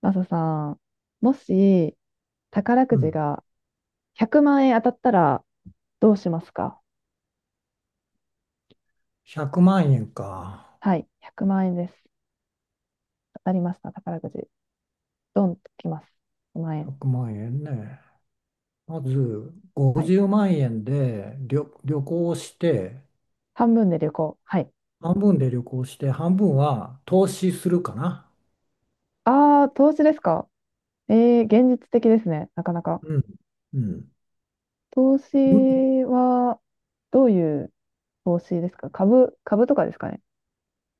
マサさん、もし宝うくじん。が100万円当たったらどうしますか？100万円か。はい、100万円です。当たりました、宝くじ。ドンときます。1万円。100万円ね。まず、はい。50万円で旅行をして、半分で旅行。はい。半分で旅行して、半分は投資するかな。ああ、投資ですか？現実的ですね、なかなか。うん。うん。投資いは、どういう投資ですか？株とかですかね？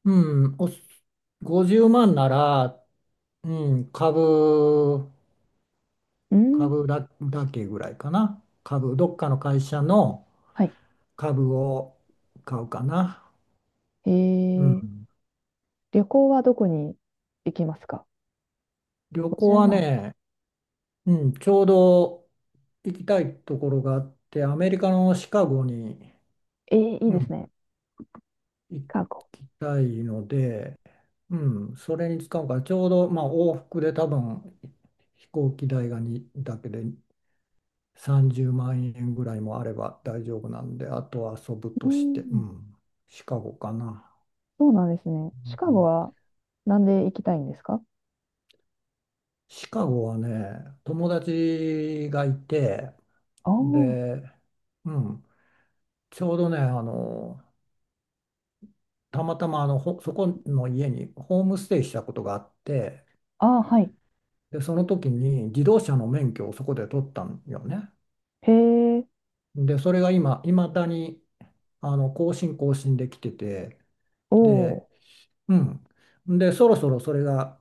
うん、50万なら、うん、株、うん。株だ、だけぐらいかな。株、どっかの会社のはい。株を買うかな。えうー、ん。旅行はどこに行きますか？ 旅行 50 は万。ね、うん、ちょうど行きたいところがあって、アメリカのシカゴに、いいうですん、ね。シ行カゴ。きたいので、うん、それに使うから、ちょうど、まあ、往復で多分飛行機代がだけで30万円ぐらいもあれば大丈夫なんで、あとは遊ぶうとして、うん。ん、シカゴかな。そうなんですね。シカうゴん、はなんで行きたいんですか？シカゴはね、友達がいて、あーで、うん、ちょうどね、たまたまあのほそこの家にホームステイしたことがあって、あー、はい。でその時に自動車の免許をそこで取ったんよね。へえ、でそれがいまだに更新できてて、おで、お。うん。でそろそろそれが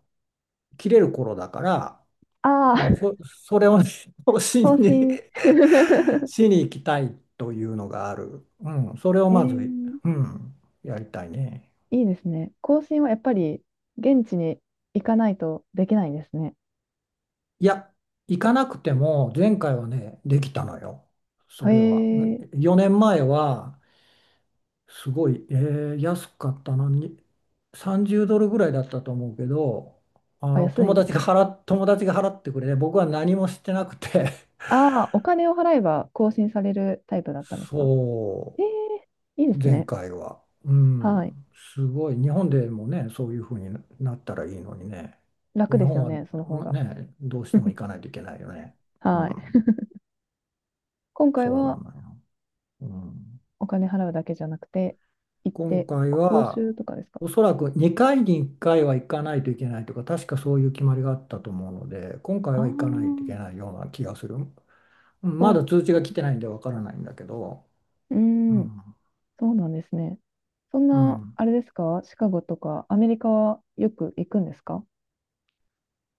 切れる頃だから、ああ、う ん、それを 更新更に 新。しに行きたいというのがある。うん、それをえまず、ー、うん、やりたいね。いいですね。更新はやっぱり現地に行かないとできないんですね。いや、行かなくても前回はね、できたのよ。そへれは。え、4年前は、すごい、安かったのに、30ドルぐらいだったと思うけど、ああ、の、安いです。友達が払ってくれて、僕は何もしてなくて、ああ、お金を払えば更新されるタイプだったんですか？そええ、いいでう、す前ね。回は。うはい。ん、すごい。日本でもね、そういうふうになったらいいのにね。楽日です本よはね、その方が。ね、どうしても行 かないといけないよね。うはい。ん、今回そうなはのよ。うん、お金払うだけじゃなくて、行っ今て、回講は習とかですか？おそらく2回に1回は行かないといけないとか、確かそういう決まりがあったと思うので、今回ああは行かないといけー、ないような気がする。うん、そまうなんでだ通知すが来ね。てないんでわからないんだけど、うーうん、ん、そうなんですね。そんうな、ん、あれですか？シカゴとかアメリカはよく行くんですか？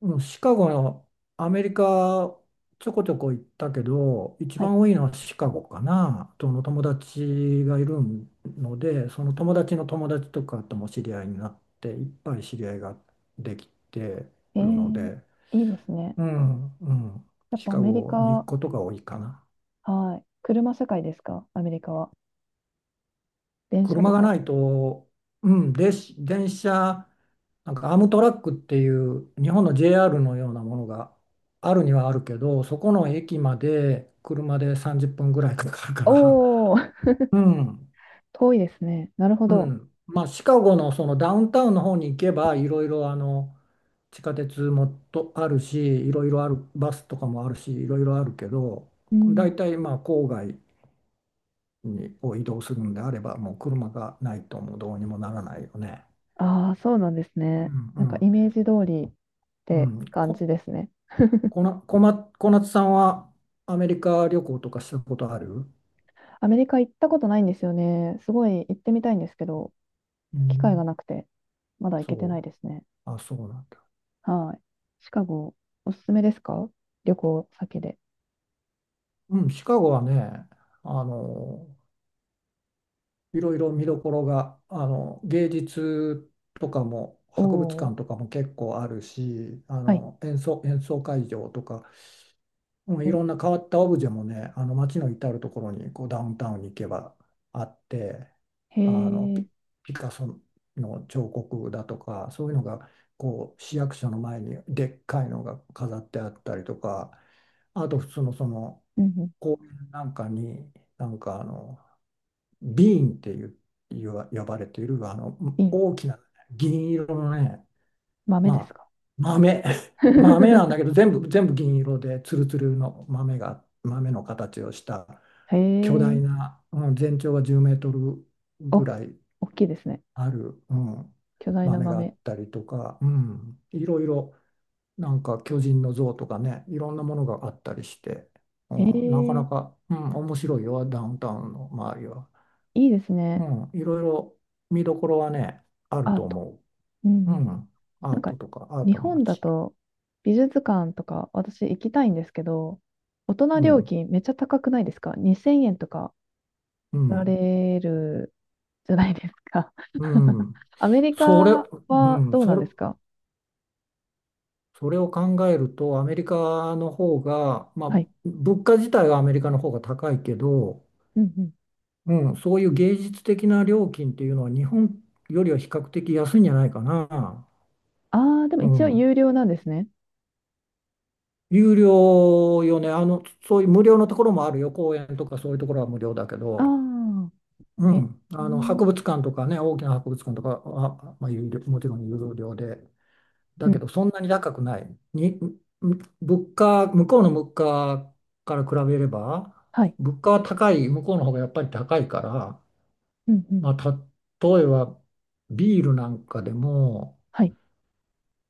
うん、シカゴのアメリカちょこちょこ行ったけど、一はい。番多いのはシカゴかな、その友達がいるので、その友達の友達とかとも知り合いになって、いっぱい知り合いができてえるのー、で。いいですね。うん、うん。やっシぱアカメリゴに行くカ、ことが多いかな。はい。車社会ですか？アメリカは。電車車とがか。ないと、うん、で、電車、なんかアームトラックっていう日本の JR のようなものがあるにはあるけど、そこの駅まで車で30分ぐらいかかるから、おー、うん、遠いですね。なるほうど。ん。まあ、シカゴのそのダウンタウンの方に行けば、いろいろ、地下鉄もとあるし、いろいろある、バスとかもあるし、いろいろあるけど、うん。大体まあ郊外を移動するのであれば、もう車がないともうどうにもならないよね。ああ、そうなんですうね。ん、なんうかん、イメージ通りっうてん。感こ、じですね。こな、こま、小夏さんはアメリカ旅行とかしたことある？アメリカ行ったことないんですよね。すごい行ってみたいんですけど、う機会がん、なくて、まだ行けてそなう。いですね。あ、そうなんだ。はい。シカゴ、おすすめですか？旅行先で。うん、シカゴはね、あの、いろいろ見どころが、あの、芸術とかも、博物おー、館とかも結構あるし、あはい。の、演奏会場とか、うん、いろんな変わったオブジェもね、あの街の至るところに、こうダウンタウンに行けばあって、へあのー、ピ、ピカソの彫刻だとか、そういうのがこう市役所の前にでっかいのが飾ってあったりとか、あと普通のそのうんう公園なんかに、なんかあのビーンっていう、呼ばれているあのん、いい。大きな銀色のね、豆でますあ、か？ 豆、豆なんだけど、全部銀色で、ツルツルの豆が、豆の形をしたへ巨ー、大な、うん、全長が10メートルぐお、らい大きいですね。ある、うん、巨大な豆があっ豆。たりとか、うん、いろいろ、なんか巨人の像とかね、いろんなものがあったりして、うへん、なかなー、か、うん、面白いよ、ダウンタウンの周りは。いいですうね。ん、いろいろ見どころはね、あるアーとト。思うう。うん。ん、アなんーかトとか、アー日トの本だ街。と美術館とか私行きたいんですけど、大人う料ん、金めっちゃ高くないですか？ 2000 円とかう取らん、れるじゃないですか。う ん、アメリそれ、カはうん、どうそなんれ、ですか？それを考えると、アメリカの方が、まあ、はい。物価自体はアメリカの方が高いけど、うんうん。うん、そういう芸術的な料金っていうのは日本よりは比較的安いんじゃないかな。ああ、でもう一応ん、有料なんですね。有料よね、あの、そういう無料のところもあるよ、公園とかそういうところは無料だけあど、あ、うえ、ん、うあの博ん、物館とかね、大きな博物館とかは、まあ、もちろん有料で。だうけん、どそんなに高くない。向こうの物価から比べれば、はい、物価は高い、向こうの方がやっぱり高いから、うん、うん、まあ、例えばビールなんかでも、はい、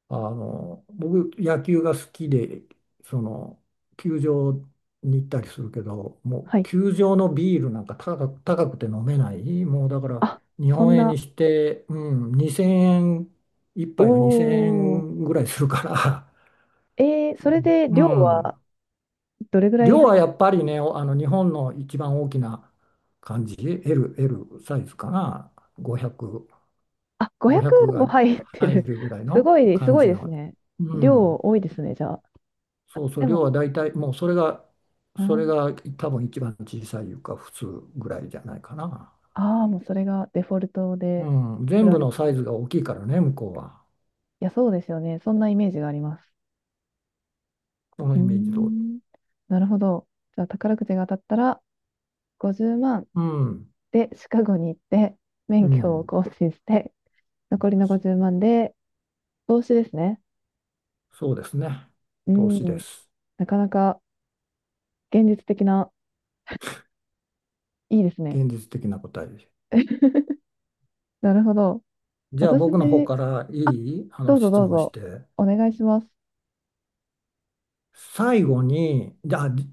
あの、僕野球が好きで、その、球場に行ったりするけど、もうはい。球場のビールなんか高くて飲めない。もうだからあ、日そん本円な、にして、うん、2000円、一お杯が2000お、円ぐらいするから、それでう量ん、はどれぐらい？量はやっぱりね、あの日本の一番大きな感じ、L サイズかな、500、あ、5が500も入って入る。るぐ らいすのごい、す感ごいじですの、ね。う量ん、多いですね、じゃあ。そうそう、で量も、は大体、もうそれが、うそれん、が多分一番小さいいうか、普通ぐらいじゃないかな。ああ、もうそれがデフォルトうでん、売全ら部れのてサイる。ズが大きいからね、向こうは。いや、そうですよね。そんなイメージがあります。そのうーイメージ通り。ん。なるほど。じゃあ、宝くじが当たったら、50万うん、でシカゴに行って、う免許をん、更新して、残りの50万で投資ですね。そうですね。う投資でん。す。なかなか現実的な、いいですね。現実的な答えです。なるほど。じゃあ私、僕の方からいあ、いあどのうぞ質どう問しぞ、て。お願いします。最後に、じゃあ、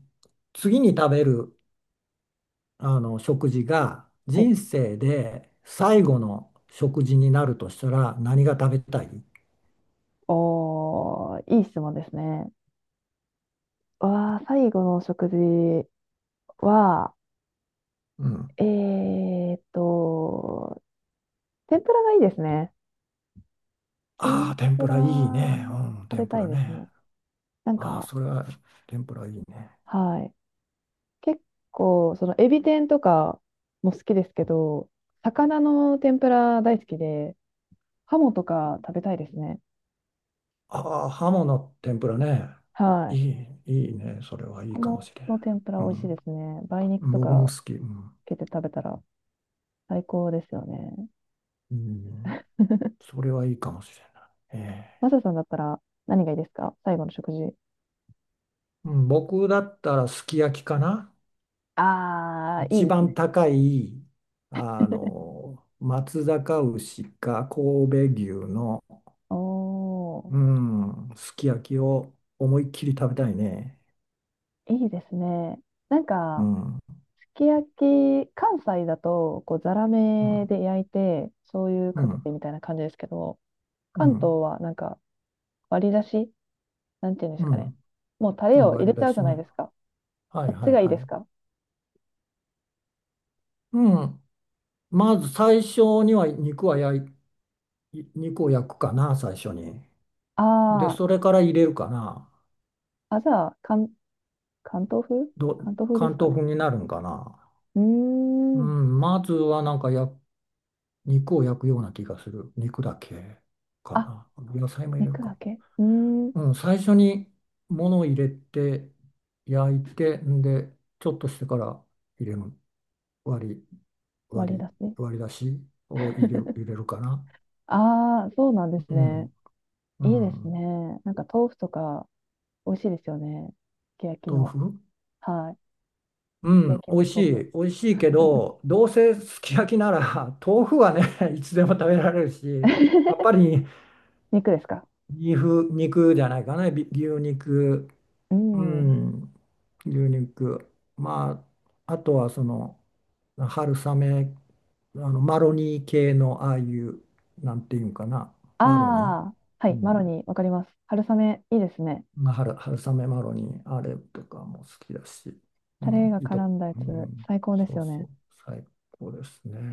次に食べるあの食事がはい。人生で最後の食事になるとしたら何が食べたい？おー、いい質問ですね。わー、最後の食事は、うん。えーっと、天ぷらがいいですね。あ天あ、天ぷぷらいいらね。うん、食べ天ぷたいらですね。ね。なんああ、か、それは天ぷらいいね。はい。結構、その、エビ天とかも好きですけど、魚の天ぷら大好きで、ハモとか食べたいですね。ああ、ハモの天ぷらね。はいい。い、いいね。それはいいハかもモしれん。の天ぷらう美味しいでん。すね。梅肉と僕もか好き。うん。つけて食べたら。最高ですよね。うん、それはいいかもしれない。えマえ、サさんだったら何がいいですか？最後の食事。うん、僕だったらすき焼きかな。ああ、いい一です番ね。高い、あの、松阪牛か神戸牛の、おー、うん、すき焼きを思いっきり食べたいね。いいですね。なんうか、ん、うすき焼き、関西だと、こう、ざらめん、で焼いて、醤油うかけん、てみたいな感じですけど、う関東ん、はなんか、割り出しなんていうんですうかね。ん、もうタうレん、を入割れりち出ゃうじしゃないね。ですか。はいこっちはいがいいはですい。か？うん、まず最初には肉を焼くかな、最初に。で、あそれから入れるかな。ー、あ、じゃあ、関東風ど、関東風で関すか東ね。風になるんかな。ううーん。ん、まずはなんか焼肉を焼くような気がする。肉だけかあ、な。野菜も入れる肉だか。けうーん。うん、最初に物を入れて焼いて、んで、ちょっとしてから入れる。割り、割割り出り、し。割り出しを入れる、入れるかな。ああ、そうなんですうね。ん、ういいですん。ね。なんか豆腐とか美味しいですよね。すき焼き豆の。腐、はい。うすきん、焼き美の味し豆腐。い。美味しいけど、どうせすき焼きなら、豆腐はね、いつでも食べられるし、やっぱ り、肉ですか？肉じゃないかな、牛肉、ううん。ん、牛肉。まあ、あとはその春雨、あのマロニー系のああいう、なんていうんかな、マロニー、ああ、はうい。マロん、ニー、わかります。春雨、いいですね。まあ、春雨マロニー、あれとかも好きだし、うタレん、が絡んだやうつ、ん、最高ですそうよそね。う、最高ですね。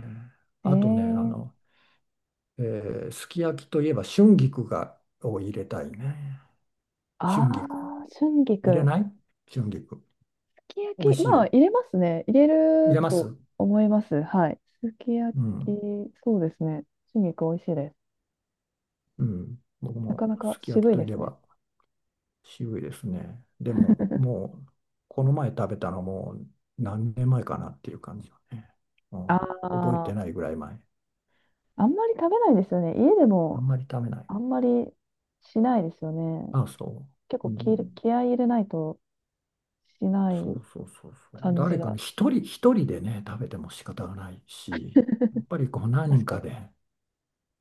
ええあとね、あーの、えすき焼きといえば春菊を入れたいね。春あ菊。あ、春入れ菊。ない春菊。すき焼美味き、しいまあ、よ。入れますね。入れ入れるまとす、思います。はい。すき焼うき、ん、そうですね。春菊、美味しいです。うん。僕なかもなかすき焼き渋いとでいえすね。ば渋いですね。でも、もう、この前食べたのもう何年前かなっていう感じよね。うあん、覚えあ、てないぐらい前。あんまり食べないですよね。家であもんまり食べない。あんまりしないですよね。あ、そ結う。う構ん、気合い入れないとしないそうそうそうそう。感じ誰かが。ね、一人でね、食べても仕方がない し、やっぱりこう何人確かかに。で、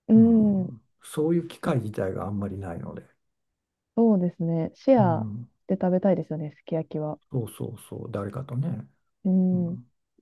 ううん、ん、そういう機会自体があんまりないので、そうですね。シェうアん、で食べたいですよね、すき焼きは。そうそうそう、誰かとね。ううん。ん